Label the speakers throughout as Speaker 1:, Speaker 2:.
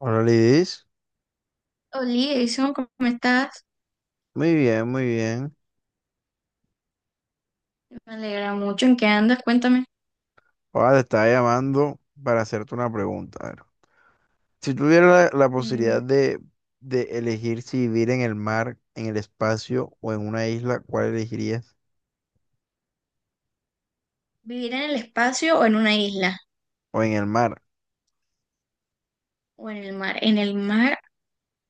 Speaker 1: Hola Lidis,
Speaker 2: Oli, Edison, ¿cómo estás?
Speaker 1: muy bien, muy bien.
Speaker 2: Me alegra mucho. ¿En qué andas? Cuéntame.
Speaker 1: Ahora te estaba llamando para hacerte una pregunta. A ver, si tuvieras la
Speaker 2: Mm.
Speaker 1: posibilidad de elegir si vivir en el mar, en el espacio o en una isla, ¿cuál elegirías?
Speaker 2: ¿Vivir en el espacio o en una isla?
Speaker 1: O en el mar.
Speaker 2: ¿O en el mar? ¿En el mar,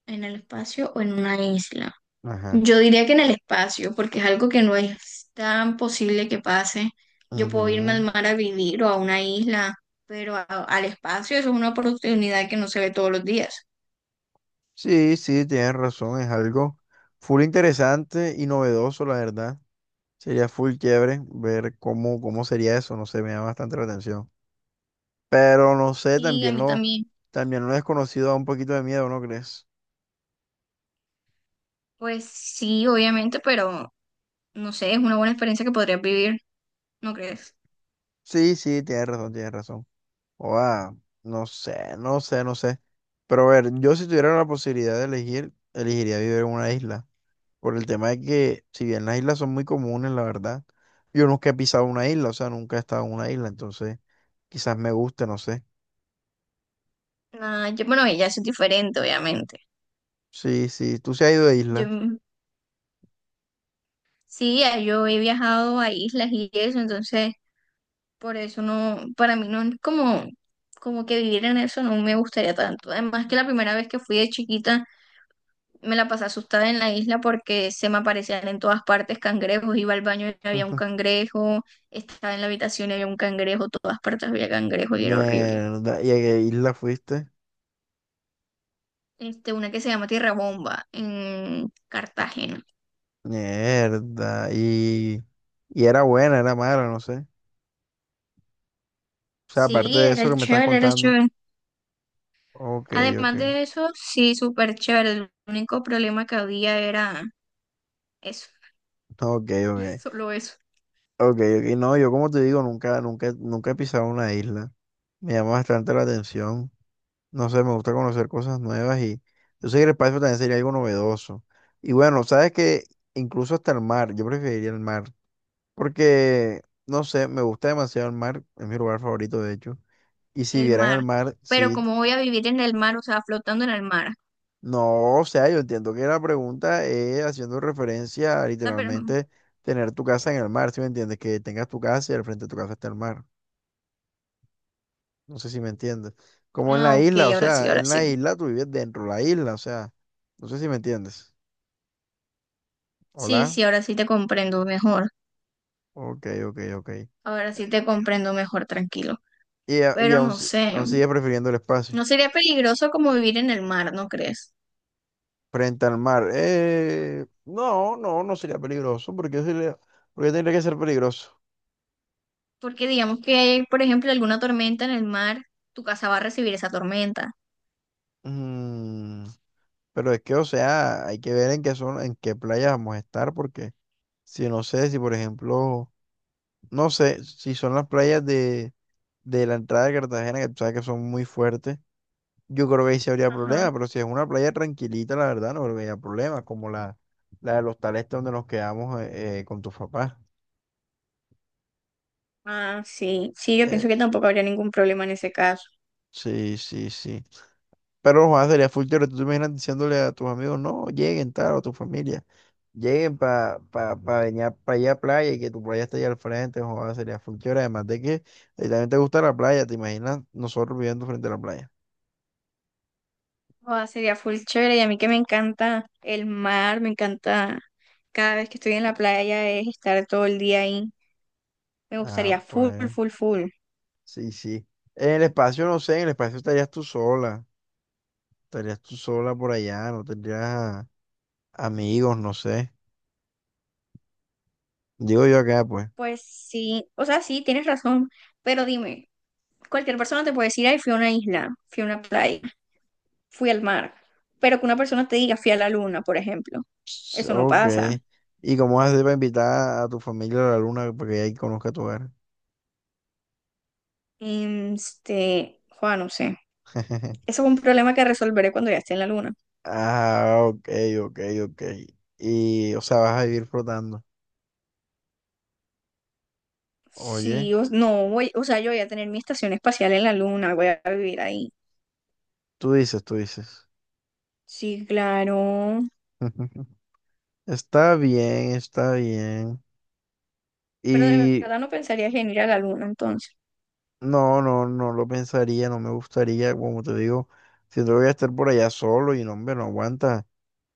Speaker 2: en el espacio o en una isla?
Speaker 1: Ajá.
Speaker 2: Yo diría que en el espacio, porque es algo que no es tan posible que pase. Yo puedo irme al
Speaker 1: Ujú.
Speaker 2: mar a vivir o a una isla, pero al espacio eso es una oportunidad que no se ve todos los días.
Speaker 1: Sí, sí, tienes razón, es algo full interesante y novedoso, la verdad. Sería full chévere ver cómo sería eso, no sé, me llama bastante la atención. Pero no sé,
Speaker 2: Sí, a mí también.
Speaker 1: también lo desconocido da un poquito de miedo, ¿no crees?
Speaker 2: Pues sí, obviamente, pero no sé, es una buena experiencia que podrías vivir, ¿no crees?
Speaker 1: Sí, sí, tienes razón, tienes razón. Oa, no sé, no sé, no sé. Pero a ver, yo si tuviera la posibilidad de elegir, elegiría vivir en una isla. Por el tema de que, si bien las islas son muy comunes, la verdad, yo nunca he pisado una isla, o sea, nunca he estado en una isla, entonces quizás me guste, no sé.
Speaker 2: Ah, yo, bueno, ya eso es diferente, obviamente.
Speaker 1: Sí, sí, tú se has ido de
Speaker 2: Yo
Speaker 1: isla.
Speaker 2: sí, ya yo he viajado a islas y eso, entonces por eso no, para mí no es como, como que vivir en eso no me gustaría tanto. Además que la primera vez que fui de chiquita me la pasé asustada en la isla porque se me aparecían en todas partes cangrejos, iba al baño y había un cangrejo, estaba en la habitación y había un cangrejo, todas partes había cangrejo y era horrible.
Speaker 1: Mierda, ¿y a qué isla fuiste?
Speaker 2: Este, una que se llama Tierra Bomba en Cartagena.
Speaker 1: Mierda, y era buena, era mala, no sé. O sea, aparte
Speaker 2: Sí,
Speaker 1: de
Speaker 2: era
Speaker 1: eso que me estás
Speaker 2: chévere, era
Speaker 1: contando.
Speaker 2: chévere.
Speaker 1: Ok, ok.
Speaker 2: Además de eso, sí, súper chévere. El único problema que había era eso,
Speaker 1: Ok, ok.
Speaker 2: solo eso,
Speaker 1: Ok, ok. No, yo como te digo, nunca, nunca, nunca he pisado una isla. Me llama bastante la atención. No sé, me gusta conocer cosas nuevas y yo sé que el espacio también sería algo novedoso. Y bueno, sabes que incluso hasta el mar, yo preferiría el mar. Porque, no sé, me gusta demasiado el mar, es mi lugar favorito de hecho. Y si
Speaker 2: el
Speaker 1: vieran el
Speaker 2: mar.
Speaker 1: mar,
Speaker 2: Pero
Speaker 1: sí.
Speaker 2: ¿cómo voy a vivir en el mar? O sea, flotando en el mar. O
Speaker 1: No, o sea, yo entiendo que la pregunta es haciendo referencia a
Speaker 2: sea, pero...
Speaker 1: literalmente tener tu casa en el mar, ¿sí me entiendes? Que tengas tu casa y al frente de tu casa está el mar. No sé si me entiendes. Como en
Speaker 2: Ah,
Speaker 1: la
Speaker 2: ok,
Speaker 1: isla, o
Speaker 2: ahora sí,
Speaker 1: sea,
Speaker 2: ahora
Speaker 1: en la
Speaker 2: sí.
Speaker 1: isla tú vives dentro de la isla, o sea, no sé si me entiendes.
Speaker 2: Sí,
Speaker 1: Hola.
Speaker 2: sí, ahora sí te comprendo mejor.
Speaker 1: Ok, ok, ok.
Speaker 2: Ahora sí te comprendo mejor, tranquilo.
Speaker 1: Y, y
Speaker 2: Pero
Speaker 1: aún,
Speaker 2: no sé,
Speaker 1: aún sigue prefiriendo el espacio
Speaker 2: no sería peligroso como vivir en el mar, ¿no crees?
Speaker 1: frente al mar. No, no, no sería peligroso, porque sería, porque tendría que ser peligroso.
Speaker 2: Porque digamos que hay, por ejemplo, alguna tormenta en el mar, tu casa va a recibir esa tormenta.
Speaker 1: Mm, pero es que, o sea, hay que ver en qué playa vamos a estar, porque si no sé, si por ejemplo. No sé si son las playas de la entrada de Cartagena, que tú sabes que son muy fuertes. Yo creo que ahí sí habría problema,
Speaker 2: Ajá.
Speaker 1: pero si es una playa tranquilita, la verdad, no habría problema, como la de los tales donde nos quedamos con tus papás.
Speaker 2: Ah, sí. Sí, yo
Speaker 1: Eh,
Speaker 2: pienso que tampoco habría ningún problema en ese caso.
Speaker 1: sí, sí, sí. Pero Juan, sería full teórico. Tú te imaginas diciéndole a tus amigos, no, lleguen tal, o a tu familia, lleguen para pa, pa pa venir para allá a playa y que tu playa esté allá al frente, Juan, sería full teórico. Además de que a ti también te gusta la playa, te imaginas nosotros viviendo frente a la playa.
Speaker 2: Joda, sería full chévere y a mí que me encanta el mar, me encanta cada vez que estoy en la playa es estar todo el día ahí. Me
Speaker 1: Ah,
Speaker 2: gustaría full,
Speaker 1: pues.
Speaker 2: full, full.
Speaker 1: Sí, sí. En el espacio, no sé, en el espacio estarías tú sola. Estarías tú sola por allá, no tendrías amigos, no sé. Digo yo acá, pues.
Speaker 2: Pues sí, o sea, sí, tienes razón, pero dime, cualquier persona te puede decir, ay, fui a una isla, fui a una playa, fui al mar, pero que una persona te diga, fui a la luna, por ejemplo, eso no
Speaker 1: Ok.
Speaker 2: pasa.
Speaker 1: ¿Y cómo vas a hacer para invitar a tu familia a la luna para que ahí conozca tu hogar?
Speaker 2: Este, Juan, no sé, eso es un problema que resolveré cuando ya esté en la luna.
Speaker 1: Ah, ok, ok, ok. Y, o sea, vas a vivir flotando. Oye,
Speaker 2: Sí, no voy, o sea, yo voy a tener mi estación espacial en la luna, voy a vivir ahí.
Speaker 1: tú dices, tú dices.
Speaker 2: Sí, claro.
Speaker 1: Está bien, está bien.
Speaker 2: Pero de
Speaker 1: Y
Speaker 2: verdad no pensarías en ir a la luna entonces.
Speaker 1: No, no, no lo pensaría, no me gustaría, como te digo, siento que voy a estar por allá solo y no, hombre, no aguanta,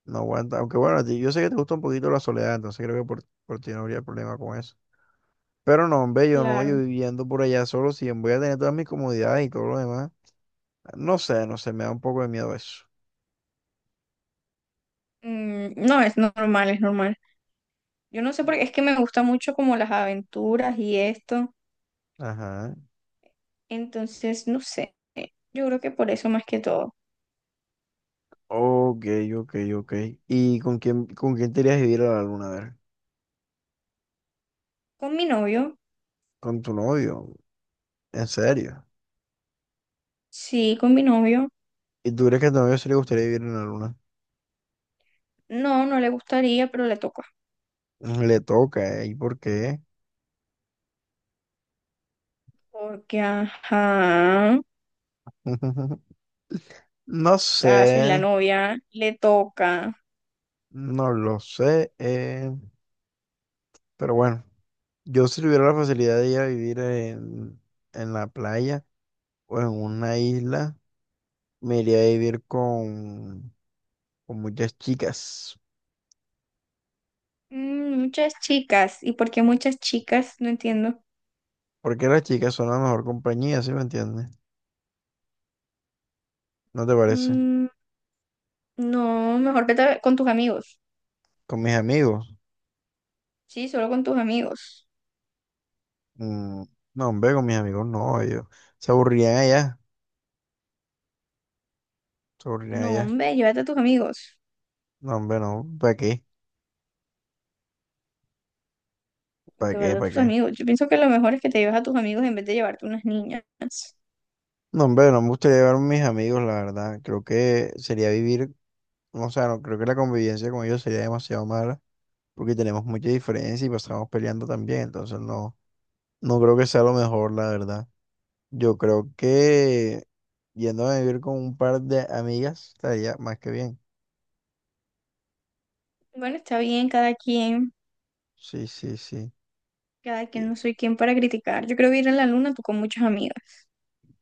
Speaker 1: no aguanta. Aunque bueno, yo sé que te gusta un poquito la soledad, entonces creo que por ti no habría problema con eso. Pero no, hombre, yo no,
Speaker 2: Claro.
Speaker 1: yo viviendo por allá solo, si voy a tener todas mis comodidades y todo lo demás. No sé, no sé, me da un poco de miedo eso.
Speaker 2: Mm, no, es normal, es normal. Yo no sé porque es que me gusta mucho como las aventuras y esto.
Speaker 1: Ajá.
Speaker 2: Entonces, no sé. Yo creo que por eso más que todo.
Speaker 1: Ok, ok, ok. ¿Y con quién te irías a vivir a la luna? A ver,
Speaker 2: Con mi novio,
Speaker 1: con tu novio, en serio.
Speaker 2: sí, con mi novio.
Speaker 1: ¿Y tú crees que a tu novio sí le gustaría vivir en la luna?
Speaker 2: No, no le gustaría, pero le toca.
Speaker 1: Le toca, ¿eh? ¿Y por qué?
Speaker 2: Porque, ajá, o
Speaker 1: No sé,
Speaker 2: sea, soy la novia, le toca.
Speaker 1: no lo sé, pero bueno, yo si tuviera la facilidad de ir a vivir en la playa o en una isla, me iría a vivir con muchas chicas,
Speaker 2: Mm, muchas chicas. ¿Y por qué muchas chicas? No entiendo.
Speaker 1: porque las chicas son la mejor compañía, ¿sí me entiendes? ¿No te parece?
Speaker 2: Mm, no, mejor vete con tus amigos.
Speaker 1: Con mis amigos,
Speaker 2: Sí, solo con tus amigos.
Speaker 1: mm, no, hombre, con mis amigos no, ellos se aburrían allá, se aburrían
Speaker 2: No,
Speaker 1: allá,
Speaker 2: hombre, llévate a tus amigos.
Speaker 1: no, hombre, no, ¿para qué? ¿Para qué?
Speaker 2: Llévate a
Speaker 1: ¿Para
Speaker 2: tus
Speaker 1: qué?
Speaker 2: amigos. Yo pienso que lo mejor es que te lleves a tus amigos en vez de llevarte unas niñas.
Speaker 1: No, hombre, no me gustaría llevar a mis amigos, la verdad. Creo que sería vivir, o sea, no, creo que la convivencia con ellos sería demasiado mala, porque tenemos mucha diferencia y pasamos peleando también, entonces no, no creo que sea lo mejor, la verdad. Yo creo que yendo a vivir con un par de amigas estaría más que bien.
Speaker 2: Bueno, está bien,
Speaker 1: Sí, sí, sí.
Speaker 2: cada quien,
Speaker 1: Y-
Speaker 2: no soy quien para criticar. Yo creo que ir a la luna tú con muchas amigas.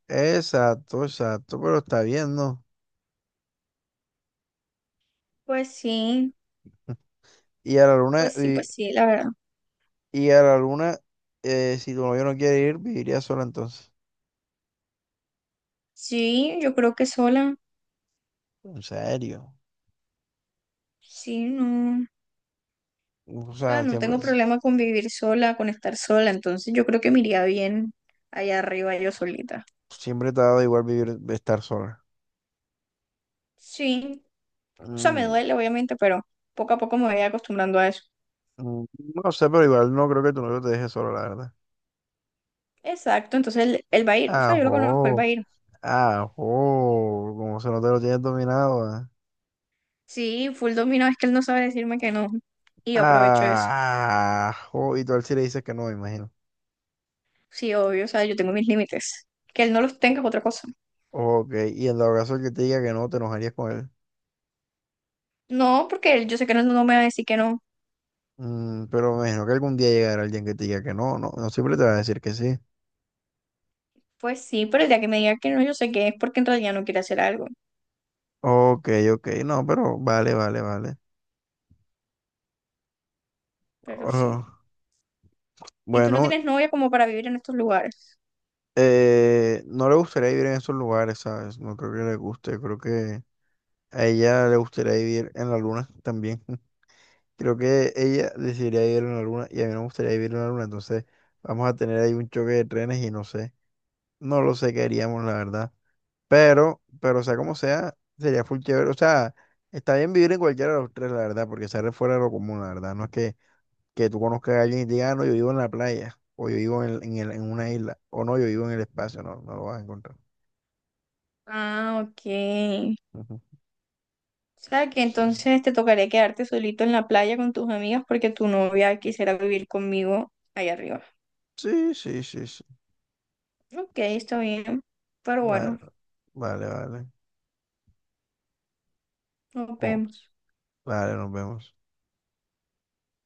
Speaker 1: Exacto, exacto, pero está bien, ¿no?
Speaker 2: Pues sí,
Speaker 1: Y a la luna,
Speaker 2: pues sí, pues sí, la verdad.
Speaker 1: y a la luna, si tu novio no quiere ir, viviría sola entonces.
Speaker 2: Sí, yo creo que sola.
Speaker 1: En serio.
Speaker 2: Sí, no.
Speaker 1: O
Speaker 2: O sea,
Speaker 1: sea,
Speaker 2: no
Speaker 1: siempre.
Speaker 2: tengo problema con vivir sola, con estar sola. Entonces yo creo que me iría bien allá arriba yo solita.
Speaker 1: Siempre te ha dado igual vivir, estar sola.
Speaker 2: Sí, o sea, me
Speaker 1: Mm,
Speaker 2: duele, obviamente, pero poco a poco me voy acostumbrando a eso.
Speaker 1: mm, no sé, pero igual no creo que tu novio te deje sola, la verdad.
Speaker 2: Exacto, entonces él va a ir. O sea, yo lo conozco, él va
Speaker 1: Ajo,
Speaker 2: a ir.
Speaker 1: ajo, como se no te lo tienes dominado, ah.
Speaker 2: Sí, full dominó, es que él no sabe decirme que no. Y yo aprovecho eso.
Speaker 1: Ajo, y tú a él sí le dices que no, me imagino.
Speaker 2: Sí, obvio, o sea, yo tengo mis límites. Que él no los tenga es otra cosa.
Speaker 1: Ok, y en dado caso el que te diga que no, te enojarías con él.
Speaker 2: No, porque él, yo sé que él no me va a decir que no.
Speaker 1: Pero me imagino que algún día llegará alguien que te diga que no, no, no siempre te va a decir que sí.
Speaker 2: Pues sí, pero el día que me diga que no, yo sé que es porque en realidad no quiere hacer algo.
Speaker 1: Ok, ok, no, pero vale, vale, vale.
Speaker 2: Pero sí.
Speaker 1: Oh,
Speaker 2: ¿Y tú no
Speaker 1: bueno,
Speaker 2: tienes novia como para vivir en estos lugares?
Speaker 1: No le gustaría vivir en esos lugares, ¿sabes? No creo que le guste, creo que a ella le gustaría vivir en la luna también. Creo que ella decidiría vivir en la luna y a mí no me gustaría vivir en la luna, entonces vamos a tener ahí un choque de trenes y no sé, no lo sé qué haríamos, la verdad. Pero sea como sea, sería full chévere, o sea, está bien vivir en cualquiera de los tres, la verdad, porque sale fuera de lo común, la verdad, no es que tú conozcas a alguien y te diga, "Ah, no, yo vivo en la playa, o yo vivo en una isla, o no, yo vivo en el espacio, no, no lo vas a encontrar."
Speaker 2: Ah, ok. O sea, que
Speaker 1: Sí,
Speaker 2: entonces te tocaría quedarte solito en la playa con tus amigas porque tu novia quisiera vivir conmigo allá arriba.
Speaker 1: sí, sí, sí, sí.
Speaker 2: Ok, está bien, pero
Speaker 1: Vale,
Speaker 2: bueno,
Speaker 1: vale, vale.
Speaker 2: nos
Speaker 1: Oh,
Speaker 2: vemos.
Speaker 1: vale, nos vemos.